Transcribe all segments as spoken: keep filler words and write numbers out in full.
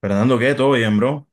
Fernando, ¿qué? ¿Todo bien, bro?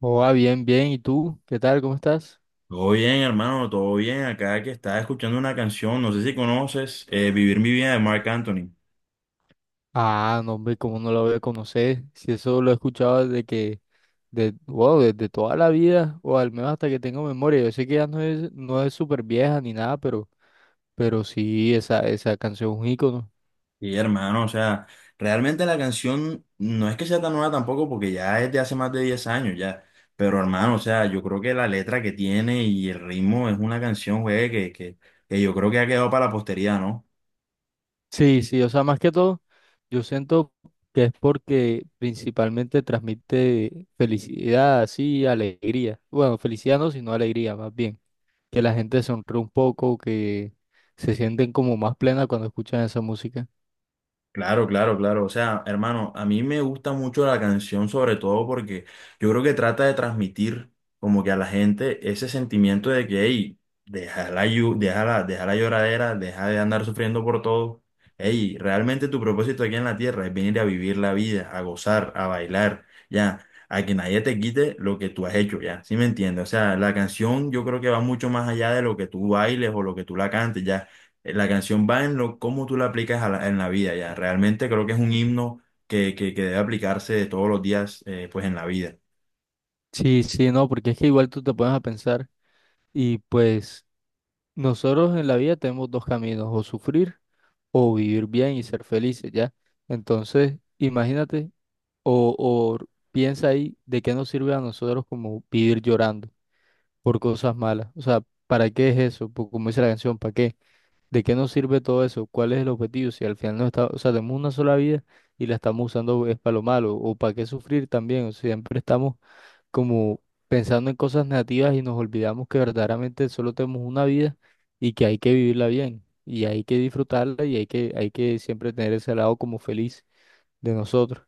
Hola, bien, bien. ¿Y tú? ¿Qué tal? ¿Cómo estás? Todo bien, hermano, todo bien. Acá que estaba escuchando una canción, no sé si conoces, eh, Vivir mi vida de Marc Anthony. Ah, no, hombre, ¿cómo no lo voy a conocer? Si eso lo he escuchado desde que, de, wow, desde toda la vida, o al menos hasta que tengo memoria. Yo sé que ya no es, no es súper vieja ni nada, pero, pero sí, esa, esa canción es un ícono. Y hermano, o sea, realmente la canción no es que sea tan nueva tampoco, porque ya es de hace más de diez años ya. Pero hermano, o sea, yo creo que la letra que tiene y el ritmo es una canción, güey, que, que, que yo creo que ha quedado para la posteridad, ¿no? Sí, sí, o sea, más que todo, yo siento que es porque principalmente transmite felicidad, sí, alegría. Bueno, felicidad no, sino alegría, más bien. Que la gente sonríe un poco, que se sienten como más plena cuando escuchan esa música. Claro, claro, claro. O sea, hermano, a mí me gusta mucho la canción, sobre todo porque yo creo que trata de transmitir como que a la gente ese sentimiento de que, hey, deja la, llu- deja la, deja la lloradera, deja de andar sufriendo por todo. Hey, realmente tu propósito aquí en la tierra es venir a vivir la vida, a gozar, a bailar, ya, a que nadie te quite lo que tú has hecho, ya. ¿Sí me entiendes? O sea, la canción yo creo que va mucho más allá de lo que tú bailes o lo que tú la cantes, ya eh, La canción va en lo cómo tú la aplicas a la- en la vida ya. Realmente creo que es un himno que, que, que debe aplicarse todos los días eh, pues en la vida. Sí, sí, no, porque es que igual tú te pones a pensar y pues nosotros en la vida tenemos dos caminos, o sufrir o vivir bien y ser felices, ¿ya? Entonces, imagínate o, o piensa ahí de qué nos sirve a nosotros como vivir llorando por cosas malas. O sea, ¿para qué es eso? Pues, como dice la canción, ¿para qué? ¿De qué nos sirve todo eso? ¿Cuál es el objetivo? Si al final no está, o sea, tenemos una sola vida y la estamos usando es para lo malo, o para qué sufrir también. O sea, siempre estamos como pensando en cosas negativas y nos olvidamos que verdaderamente solo tenemos una vida y que hay que vivirla bien, y hay que disfrutarla y hay que, hay que siempre tener ese lado como feliz de nosotros.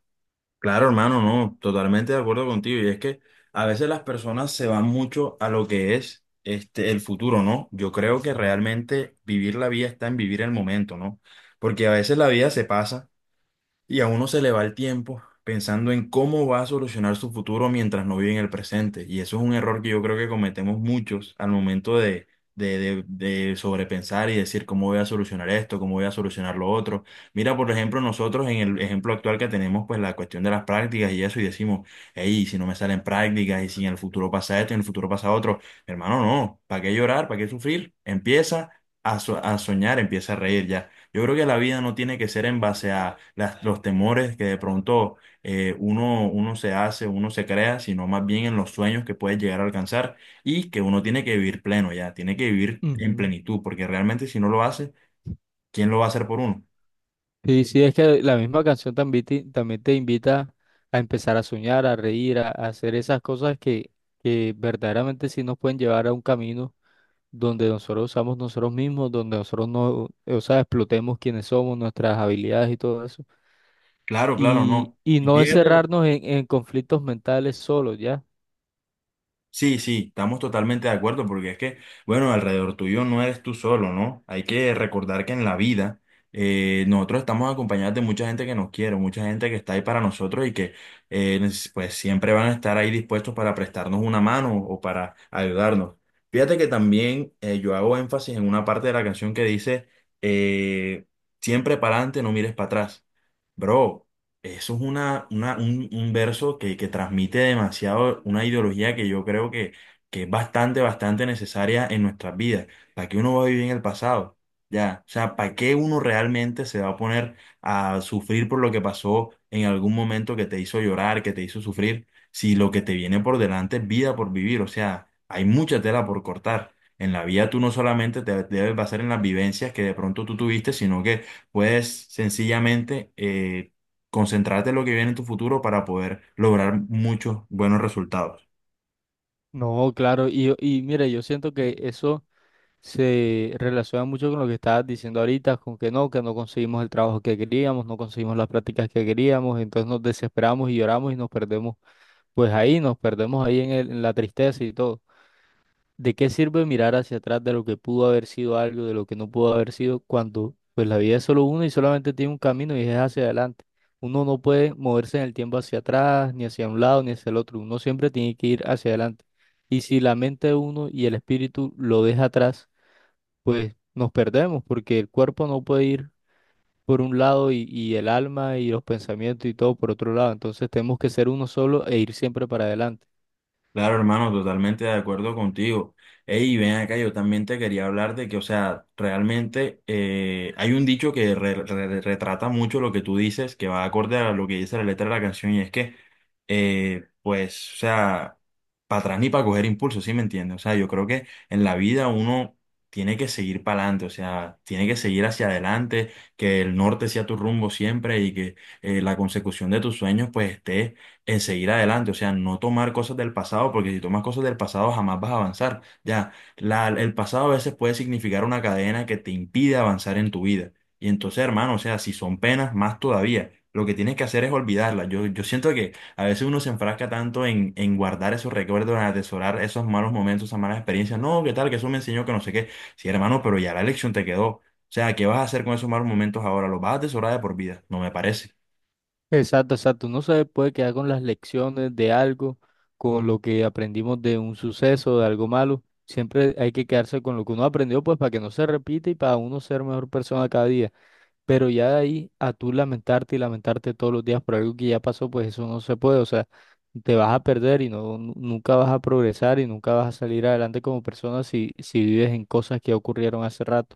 Claro, hermano, no, totalmente de acuerdo contigo. Y es que a veces las personas se van mucho a lo que es este el futuro, ¿no? Yo creo que realmente vivir la vida está en vivir el momento, ¿no? Porque a veces la vida se pasa y a uno se le va el tiempo pensando en cómo va a solucionar su futuro mientras no vive en el presente. Y eso es un error que yo creo que cometemos muchos al momento de, de, de- de sobrepensar y decir cómo voy a solucionar esto, cómo voy a solucionar lo otro. Mira, por ejemplo, nosotros en el ejemplo actual que tenemos, pues la cuestión de las prácticas y eso, y decimos, hey, si no me salen prácticas y si en el futuro pasa esto, en el futuro pasa otro. Hermano, no, ¿para qué llorar? ¿Para qué sufrir? Empieza a, so- a soñar, empieza a reír ya. Yo creo que la vida no tiene que ser en base a las- los temores que de pronto eh, uno, uno se hace, uno se crea, sino más bien en los sueños que puede llegar a alcanzar y que uno tiene que vivir pleno ya, tiene que vivir en Ujú. plenitud, porque realmente si no lo hace, ¿quién lo va a hacer por uno? Sí, sí, es que la misma canción también te, también te invita a empezar a soñar, a reír, a, a hacer esas cosas que, que verdaderamente sí nos pueden llevar a un camino donde nosotros usamos nosotros mismos, donde nosotros no, o sea, explotemos quiénes somos, nuestras habilidades y todo eso. Claro, claro, Y, no. y Y no fíjate. encerrarnos en, en conflictos mentales solos, ¿ya? Sí, sí, estamos totalmente de acuerdo porque es que, bueno, alrededor tuyo no eres tú solo, ¿no? Hay que recordar que en la vida eh, nosotros estamos acompañados de mucha gente que nos quiere, mucha gente que está ahí para nosotros y que eh, nes- pues siempre van a estar ahí dispuestos para prestarnos una mano o para ayudarnos. Fíjate que también eh, yo hago énfasis en una parte de la canción que dice, eh, siempre para adelante, no mires para atrás. Bro, eso es una, una- un, un verso que, que transmite demasiado una ideología que yo creo que, que es bastante, bastante necesaria en nuestras vidas. ¿Para qué uno va a vivir en el pasado? Ya, o sea, ¿para qué uno realmente se va a poner a sufrir por lo que pasó en algún momento que te hizo llorar, que te hizo sufrir, si lo que te viene por delante es vida por vivir? O sea, hay mucha tela por cortar. En la vida tú no solamente te debes basar en las vivencias que de pronto tú tuviste, sino que puedes sencillamente... eh, concentrarte en lo que viene en tu futuro para poder lograr muchos buenos resultados. No, claro, y, y mire, yo siento que eso se relaciona mucho con lo que estabas diciendo ahorita, con que no, que no conseguimos el trabajo que queríamos, no conseguimos las prácticas que queríamos, entonces nos desesperamos y lloramos y nos perdemos, pues ahí, nos perdemos ahí en el- en la tristeza y todo. ¿De qué sirve mirar hacia atrás de lo que pudo haber sido algo, de lo que no pudo haber sido, cuando pues la vida es solo una y solamente tiene un camino y es hacia adelante? Uno no puede moverse en el tiempo hacia atrás, ni hacia un lado, ni hacia el otro. Uno siempre tiene que ir hacia adelante. Y si la mente de uno y el espíritu lo deja atrás, pues nos perdemos, porque el cuerpo no puede ir por un lado y, y el alma y los pensamientos y todo por otro lado. Entonces tenemos que ser uno solo e ir siempre para adelante. Claro, hermano, totalmente de acuerdo contigo. Ey, ven acá, yo también te quería hablar de que, o sea, realmente eh, hay un dicho que re- re- retrata mucho lo que tú dices, que va acorde a lo que dice la letra de la canción, y es que, eh, pues, o sea, para atrás ni para coger impulso, ¿sí me entiendes? O sea, yo creo que en la vida uno tiene que seguir para adelante, o sea, tiene que seguir hacia adelante, que el norte sea tu rumbo siempre y que eh, la consecución de tus sueños, pues, esté en seguir adelante, o sea, no tomar cosas del pasado, porque si tomas cosas del pasado jamás vas a avanzar. Ya, la- el pasado a veces puede significar una cadena que te impide avanzar en tu vida. Y entonces, hermano, o sea, si son penas, más todavía. Lo que tienes que hacer es olvidarlas. Yo, yo siento que a veces uno se enfrasca tanto en, en guardar esos recuerdos, en atesorar esos malos momentos, esas malas experiencias. No, ¿qué tal? Que eso me enseñó que no sé qué. Sí, hermano, pero ya la lección te quedó. O sea, ¿qué vas a hacer con esos malos momentos ahora? ¿Los vas a atesorar de por vida? No me parece. Exacto, exacto. Uno se puede quedar con las lecciones de algo, con lo que aprendimos de un suceso, de algo malo. Siempre hay que quedarse con lo que uno aprendió, pues para que no se repita y para uno ser mejor persona cada día. Pero ya de ahí a tú lamentarte y lamentarte todos los días por algo que ya pasó, pues eso no se puede. O sea, te vas a perder y no, nu- nunca vas a progresar y nunca vas a salir adelante como persona si, si vives en cosas que ocurrieron hace rato.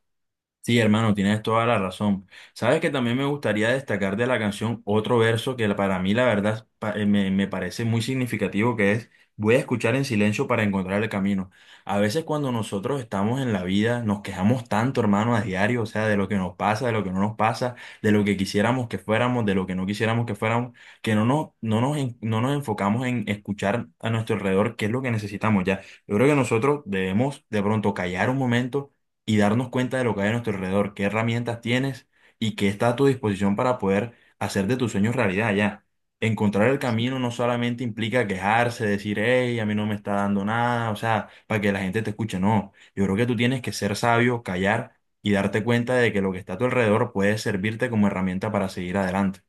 Sí, hermano, tienes toda la razón. Sabes que también me gustaría destacar de la canción otro verso que para mí la verdad pa- eh, me, me parece muy significativo, que es voy a escuchar en silencio para encontrar el camino. A veces cuando nosotros estamos en la vida nos quejamos tanto, hermano, a diario, o sea, de lo que nos pasa, de lo que no nos pasa, de lo que quisiéramos que fuéramos, de lo que no quisiéramos que fuéramos, que no nos, no nos, en- no nos enfocamos en escuchar a nuestro alrededor qué es lo que necesitamos ya. Yo creo que nosotros debemos de pronto callar un momento y darnos cuenta de lo que hay a nuestro alrededor, qué herramientas tienes y qué está a tu disposición para poder hacer de tus sueños realidad ya. Encontrar el camino no solamente implica quejarse, decir, hey, a mí no me está dando nada, o sea, para que la gente te escuche, no. Yo creo que tú tienes que ser sabio, callar y darte cuenta de que lo que está a tu alrededor puede servirte como herramienta para seguir adelante.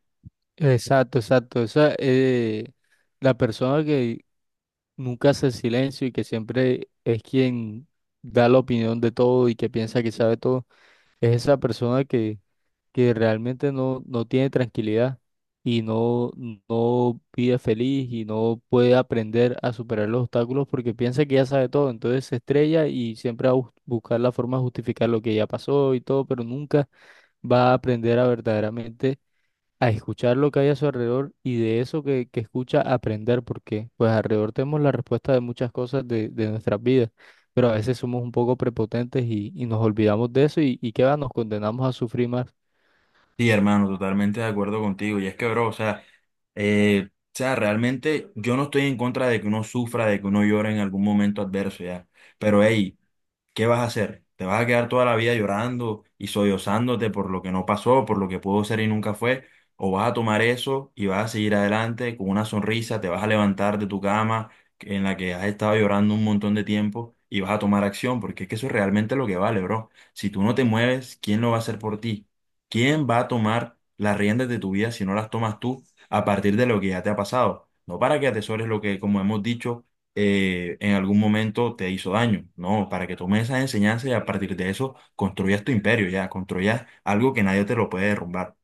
Exacto, exacto. Esa, eh, la persona que nunca hace silencio y que siempre es quien da la opinión de todo y que piensa que sabe todo, es esa persona que, que realmente no, no tiene tranquilidad y no, no vive feliz y no puede aprender a superar los obstáculos porque piensa que ya sabe todo, entonces se estrella y siempre va a bus- buscar la forma de justificar lo que ya pasó y todo, pero nunca va a aprender a verdaderamente a escuchar lo que hay a su alrededor y de eso que, que escucha aprender, porque pues alrededor tenemos la respuesta de muchas cosas de, de nuestras vidas, pero a veces somos un poco prepotentes y, y nos olvidamos de eso y, y qué va, nos condenamos a sufrir más. Sí, hermano, totalmente de acuerdo contigo. Y es que, bro, o sea, eh, o sea, realmente yo no estoy en contra de que uno sufra, de que uno llore en algún momento adverso, ya. Pero, hey, ¿qué vas a hacer? ¿Te vas a quedar toda la vida llorando y sollozándote por lo que no pasó, por lo que pudo ser y nunca fue? ¿O vas a tomar eso y vas a seguir adelante con una sonrisa, te vas a levantar de tu cama en la que has estado llorando un montón de tiempo y vas a tomar acción? Porque es que eso es realmente lo que vale, bro. Si tú no te mueves, ¿quién lo va a hacer por ti? ¿Quién va a tomar las riendas de tu vida si no las tomas tú a partir de lo que ya te ha pasado? No para que atesores lo que, como hemos dicho, eh, en algún momento te hizo daño, ¿no? Para que tomes esa enseñanza y a partir de eso construyas tu imperio, ya, construyas algo que nadie te lo puede derrumbar.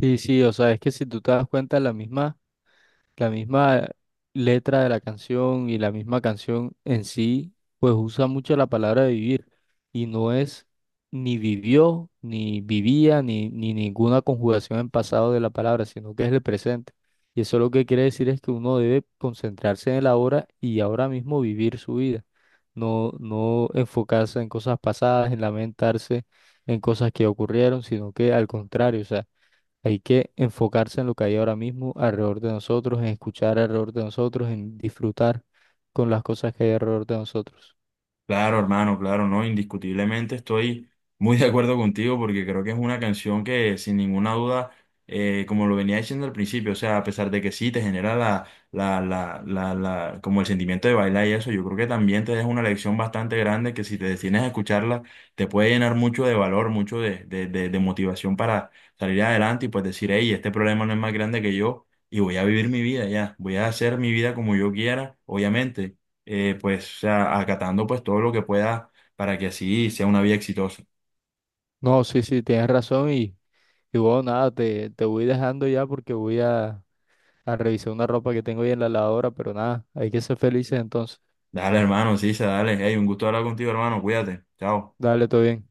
Sí, sí, o sea, es que si tú te das cuenta, la misma La misma letra de la canción y la misma canción en sí, pues usa mucho la palabra vivir y no es ni vivió, ni vivía, ni, ni ninguna conjugación en pasado de la palabra, sino que es el presente. Y eso lo que quiere decir es que uno debe concentrarse en el ahora y ahora mismo vivir su vida, no, no enfocarse en cosas pasadas, en lamentarse en cosas que ocurrieron, sino que al contrario, o sea, hay que enfocarse en lo que hay ahora mismo alrededor de nosotros, en escuchar alrededor de nosotros, en disfrutar con las cosas que hay alrededor de nosotros. Claro, hermano, claro, no, indiscutiblemente estoy muy de acuerdo contigo porque creo que es una canción que sin ninguna duda, eh, como lo venía diciendo al principio, o sea, a pesar de que sí te genera la, la, la, la, la, como el sentimiento de bailar y eso, yo creo que también te deja una lección bastante grande que si te decides a escucharla, te puede llenar mucho de valor, mucho de, de, de, de motivación para salir adelante y pues decir, hey, este problema no es más grande que yo y voy a vivir mi vida ya, voy a hacer mi vida como yo quiera, obviamente eh, pues, o sea, acatando pues todo lo que pueda para que así sea una vida exitosa. No, sí, sí, tienes razón y, y bueno, nada, te, te voy dejando ya porque voy a, a revisar una ropa que tengo ahí en la lavadora, pero nada, hay que ser felices entonces. Dale, hermano, sí, dale. Hey, un gusto hablar contigo, hermano. Cuídate. Chao. Dale, todo bien.